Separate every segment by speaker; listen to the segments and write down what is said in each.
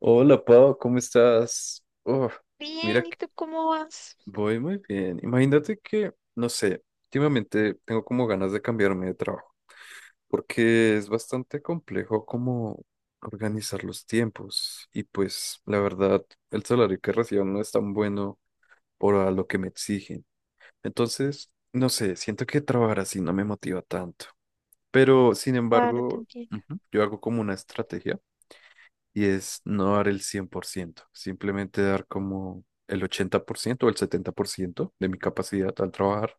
Speaker 1: Hola Pau, ¿cómo estás? Oh, mira,
Speaker 2: Bien, ¿y
Speaker 1: que
Speaker 2: tú cómo vas?
Speaker 1: voy muy bien. Imagínate que, no sé, últimamente tengo como ganas de cambiarme de trabajo, porque es bastante complejo como organizar los tiempos y pues la verdad, el salario que recibo no es tan bueno por a lo que me exigen. Entonces, no sé, siento que trabajar así no me motiva tanto, pero sin
Speaker 2: Claro, te
Speaker 1: embargo,
Speaker 2: entiendo.
Speaker 1: ujú, yo hago como una estrategia y es no dar el 100%, simplemente dar como el 80% o el 70% de mi capacidad al trabajar,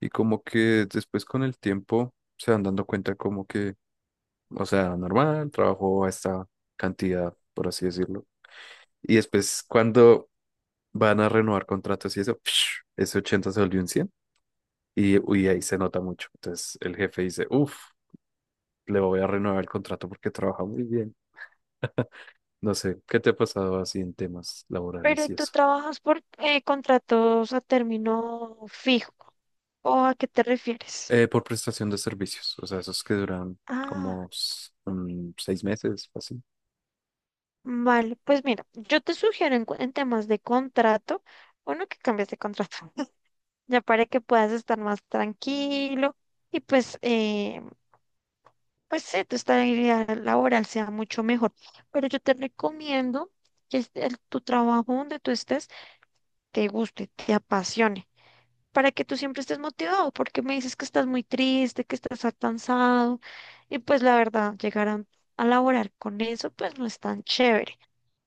Speaker 1: y como que después con el tiempo se van dando cuenta como que, o sea, normal, trabajo a esta cantidad, por así decirlo. Y después cuando van a renovar contratos y eso, ese 80 se volvió un 100 y, uy, ahí se nota mucho. Entonces el jefe dice, uff, le voy a renovar el contrato porque trabaja muy bien. No sé, ¿qué te ha pasado así en temas laborales
Speaker 2: Pero
Speaker 1: y
Speaker 2: tú
Speaker 1: eso?
Speaker 2: trabajas por contratos a término fijo. ¿O a qué te refieres?
Speaker 1: Por prestación de servicios, o sea, esos que duran
Speaker 2: Ah,
Speaker 1: como 6 meses, así.
Speaker 2: vale. Pues mira, yo te sugiero en, en temas de contrato, uno que cambies de contrato, ya para que puedas estar más tranquilo y pues, pues sí, tu estabilidad laboral sea mucho mejor. Pero yo te recomiendo que tu trabajo donde tú estés te guste, te apasione. Para que tú siempre estés motivado, porque me dices que estás muy triste, que estás cansado, y pues la verdad, llegar a laborar con eso, pues no es tan chévere.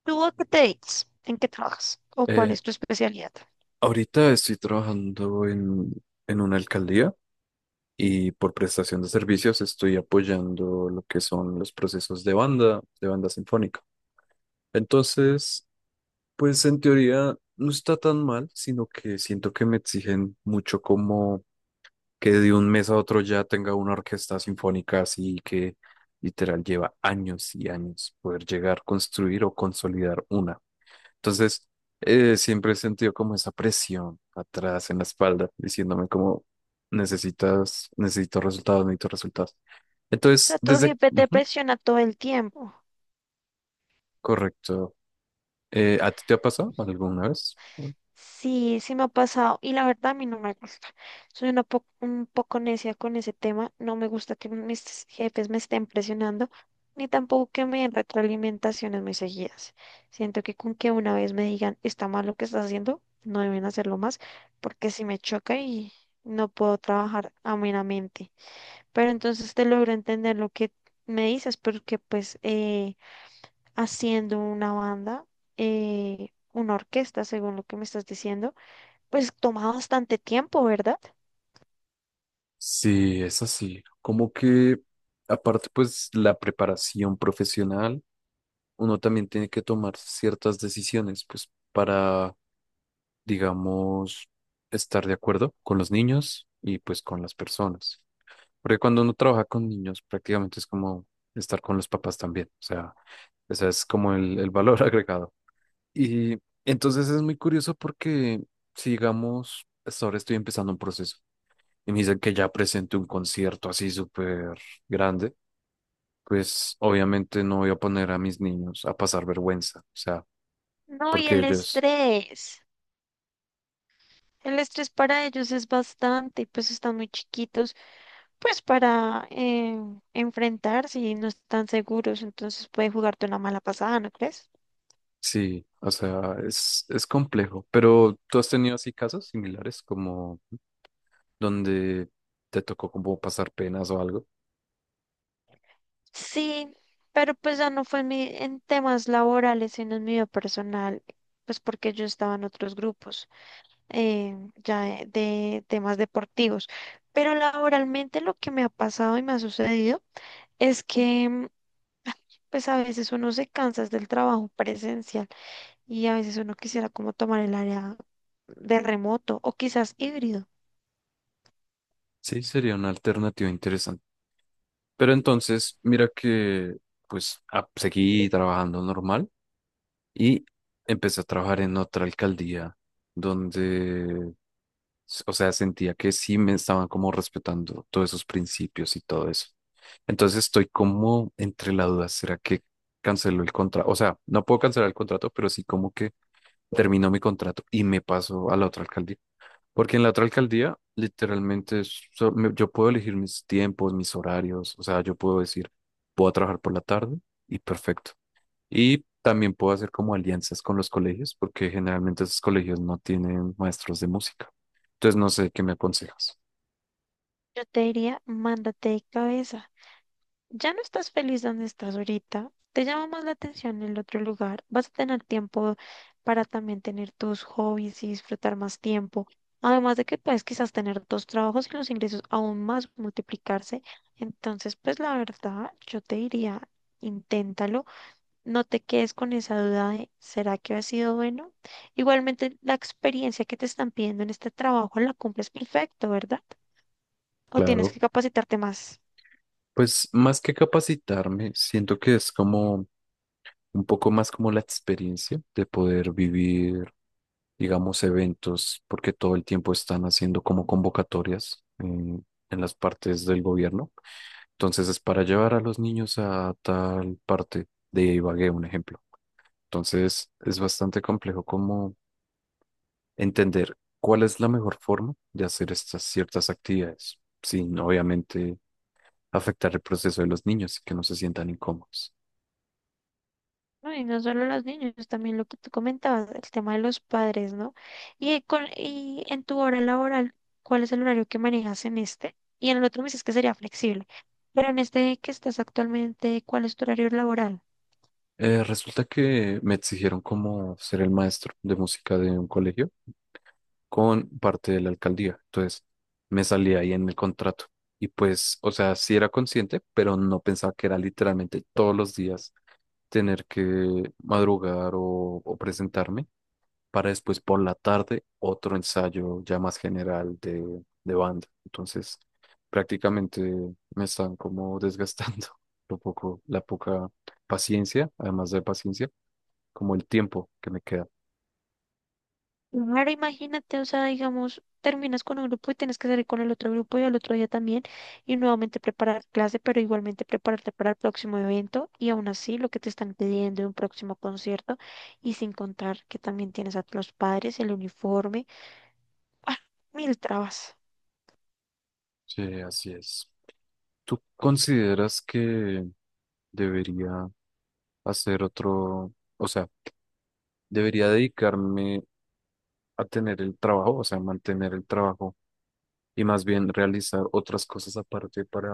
Speaker 2: ¿Tú a qué te dedicas? ¿En qué trabajas? ¿O cuál
Speaker 1: Eh,
Speaker 2: es tu especialidad?
Speaker 1: Ahorita estoy trabajando en, una alcaldía y por prestación de servicios estoy apoyando lo que son los procesos de banda sinfónica. Entonces, pues en teoría no está tan mal, sino que siento que me exigen mucho como que de un mes a otro ya tenga una orquesta sinfónica, así que literal lleva años y años poder llegar a construir o consolidar una. Entonces, siempre he sentido como esa presión atrás en la espalda, diciéndome como necesito resultados, necesito resultados.
Speaker 2: O sea,
Speaker 1: Entonces,
Speaker 2: tu jefe te
Speaker 1: ujú,
Speaker 2: presiona todo el tiempo.
Speaker 1: correcto. ¿A ti te ha pasado alguna vez?
Speaker 2: Sí, sí me ha pasado y la verdad a mí no me gusta. Soy un poco necia con ese tema. No me gusta que mis jefes me estén presionando, ni tampoco que me den retroalimentaciones muy seguidas. Siento que con que una vez me digan está mal lo que estás haciendo, no deben hacerlo más, porque si me choca y no puedo trabajar amenamente. Pero entonces te logro entender lo que me dices, porque pues haciendo una banda, una orquesta, según lo que me estás diciendo pues toma bastante tiempo, ¿verdad?
Speaker 1: Sí, es así. Como que, aparte, pues la preparación profesional, uno también tiene que tomar ciertas decisiones, pues para, digamos, estar de acuerdo con los niños y pues con las personas. Porque cuando uno trabaja con niños, prácticamente es como estar con los papás también. O sea, ese es como el valor agregado. Y entonces es muy curioso porque, si digamos, hasta ahora estoy empezando un proceso y me dicen que ya presente un concierto así súper grande, pues obviamente no voy a poner a mis niños a pasar vergüenza. O sea,
Speaker 2: No, y
Speaker 1: porque
Speaker 2: el
Speaker 1: ellos,
Speaker 2: estrés. El estrés para ellos es bastante, pues están muy chiquitos, pues para enfrentarse y no están seguros, entonces puede jugarte una mala pasada, ¿no crees?
Speaker 1: sí, o sea, es complejo, pero tú has tenido así casos similares como donde te tocó como pasar penas o algo.
Speaker 2: Sí, pero pues ya no fue en, en temas laborales, sino en mi vida personal, pues porque yo estaba en otros grupos, ya de temas deportivos. Pero laboralmente lo que me ha pasado y me ha sucedido es que pues a veces uno se cansa es del trabajo presencial y a veces uno quisiera como tomar el área de remoto o quizás híbrido.
Speaker 1: Sí, sería una alternativa interesante. Pero entonces, mira que pues seguí trabajando normal y empecé a trabajar en otra alcaldía donde o sea, sentía que sí me estaban como respetando todos esos principios y todo eso. Entonces estoy como entre la duda, ¿será que canceló el contrato? O sea, no puedo cancelar el contrato, pero sí como que terminó mi contrato y me paso a la otra alcaldía. Porque en la otra alcaldía, literalmente, yo puedo elegir mis tiempos, mis horarios, o sea, yo puedo decir, voy a trabajar por la tarde y perfecto. Y también puedo hacer como alianzas con los colegios, porque generalmente esos colegios no tienen maestros de música. Entonces no sé qué me aconsejas.
Speaker 2: Yo te diría, mándate de cabeza. Ya no estás feliz donde estás ahorita, te llama más la atención el otro lugar, vas a tener tiempo para también tener tus hobbies y disfrutar más tiempo. Además de que puedes quizás tener dos trabajos y los ingresos aún más multiplicarse. Entonces, pues la verdad, yo te diría, inténtalo. No te quedes con esa duda de, ¿será que ha sido bueno? Igualmente, la experiencia que te están pidiendo en este trabajo la cumples perfecto, ¿verdad? O tienes
Speaker 1: Claro,
Speaker 2: que capacitarte más.
Speaker 1: pues más que capacitarme, siento que es como un poco más como la experiencia de poder vivir, digamos, eventos, porque todo el tiempo están haciendo como convocatorias en las partes del gobierno. Entonces es para llevar a los niños a tal parte de Ibagué, un ejemplo. Entonces es bastante complejo como entender cuál es la mejor forma de hacer estas ciertas actividades, sin obviamente afectar el proceso de los niños y que no se sientan incómodos.
Speaker 2: No, y no solo los niños, también lo que tú comentabas, el tema de los padres, ¿no? Y, y en tu hora laboral, ¿cuál es el horario que manejas en este? Y en el otro me dices que sería flexible. Pero en este que estás actualmente, ¿cuál es tu horario laboral?
Speaker 1: Resulta que me exigieron como ser el maestro de música de un colegio con parte de la alcaldía, entonces me salía ahí en el contrato. Y pues, o sea, sí era consciente, pero no pensaba que era literalmente todos los días tener que madrugar o presentarme para después por la tarde otro ensayo ya más general de banda. Entonces, prácticamente me están como desgastando lo poco, la poca paciencia, además de paciencia, como el tiempo que me queda.
Speaker 2: Claro, imagínate, o sea, digamos, terminas con un grupo y tienes que salir con el otro grupo y al otro día también y nuevamente preparar clase, pero igualmente prepararte para el próximo evento y aún así lo que te están pidiendo en un próximo concierto y sin contar que también tienes a los padres, el uniforme, ¡ah, mil trabas!
Speaker 1: Sí, así es. ¿Tú consideras que debería hacer otro, o sea, debería dedicarme a tener el trabajo, o sea, mantener el trabajo, y más bien realizar otras cosas aparte para,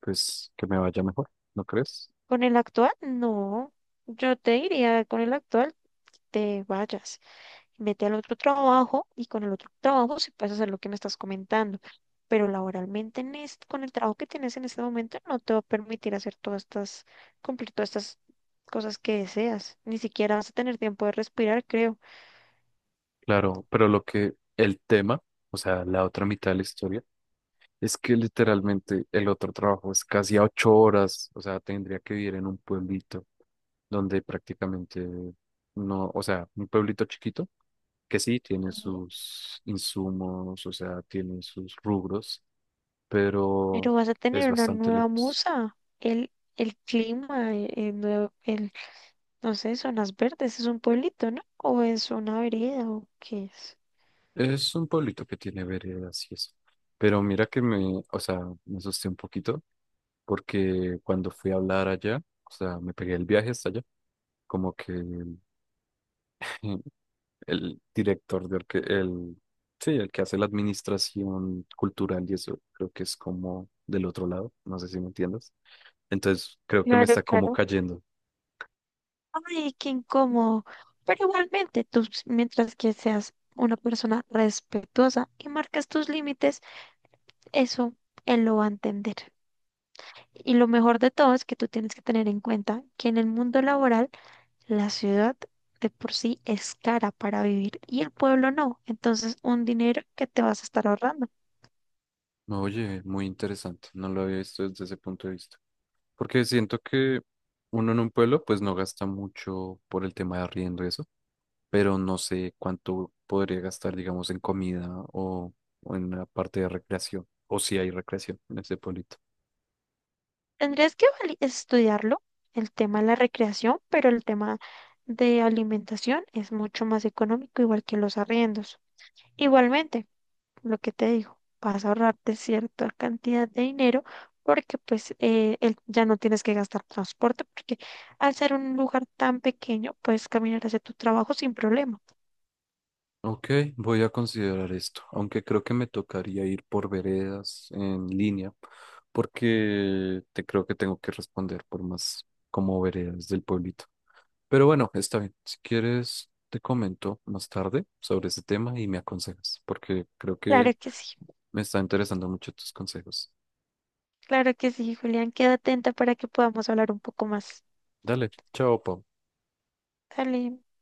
Speaker 1: pues, que me vaya mejor, ¿no crees?
Speaker 2: Con el actual, no, yo te diría, con el actual te vayas. Vete al otro trabajo y con el otro trabajo sí puedes hacer lo que me estás comentando. Pero laboralmente en este, con el trabajo que tienes en este momento no te va a permitir hacer todas estas, cumplir todas estas cosas que deseas. Ni siquiera vas a tener tiempo de respirar, creo.
Speaker 1: Claro, pero lo que el tema, o sea, la otra mitad de la historia, es que literalmente el otro trabajo es casi a 8 horas, o sea, tendría que vivir en un pueblito donde prácticamente no, o sea, un pueblito chiquito que sí tiene sus insumos, o sea, tiene sus rubros, pero
Speaker 2: Pero vas a
Speaker 1: es
Speaker 2: tener una
Speaker 1: bastante
Speaker 2: nueva
Speaker 1: lejos.
Speaker 2: musa. El clima, no sé, zonas verdes, es un pueblito, ¿no? O es una vereda o qué es.
Speaker 1: Es un pueblito que tiene veredas y eso. Pero mira que me, o sea, me asusté un poquito porque cuando fui a hablar allá, o sea, me pegué el viaje hasta allá, como que el el director de orque- el, sí, el que hace la administración cultural y eso, creo que es como del otro lado, no sé si me entiendas. Entonces, creo que me
Speaker 2: Claro,
Speaker 1: está como
Speaker 2: claro.
Speaker 1: cayendo.
Speaker 2: Ay, qué incómodo. Pero igualmente, mientras que seas una persona respetuosa y marcas tus límites, eso él lo va a entender. Y lo mejor de todo es que tú tienes que tener en cuenta que en el mundo laboral, la ciudad de por sí es cara para vivir y el pueblo no. Entonces, un dinero que te vas a estar ahorrando.
Speaker 1: No, oye, muy interesante, no lo había visto desde ese punto de vista. Porque siento que uno en un pueblo pues no gasta mucho por el tema de arriendo y eso, pero no sé cuánto podría gastar, digamos, en comida o en la parte de recreación, o si hay recreación en ese pueblito.
Speaker 2: Tendrías que estudiarlo, el tema de la recreación, pero el tema de alimentación es mucho más económico, igual que los arriendos. Igualmente, lo que te digo, vas a ahorrarte cierta cantidad de dinero porque pues ya no tienes que gastar transporte porque al ser un lugar tan pequeño puedes caminar hacia tu trabajo sin problema.
Speaker 1: Ok, voy a considerar esto, aunque creo que me tocaría ir por veredas en línea, porque te creo que tengo que responder por más como veredas del pueblito. Pero bueno, está bien. Si quieres, te comento más tarde sobre ese tema y me aconsejas, porque creo que
Speaker 2: Claro que sí,
Speaker 1: me está interesando mucho tus consejos.
Speaker 2: claro que sí, Julián, queda atenta para que podamos hablar un poco más.
Speaker 1: Dale, chao, Pau.
Speaker 2: Dale.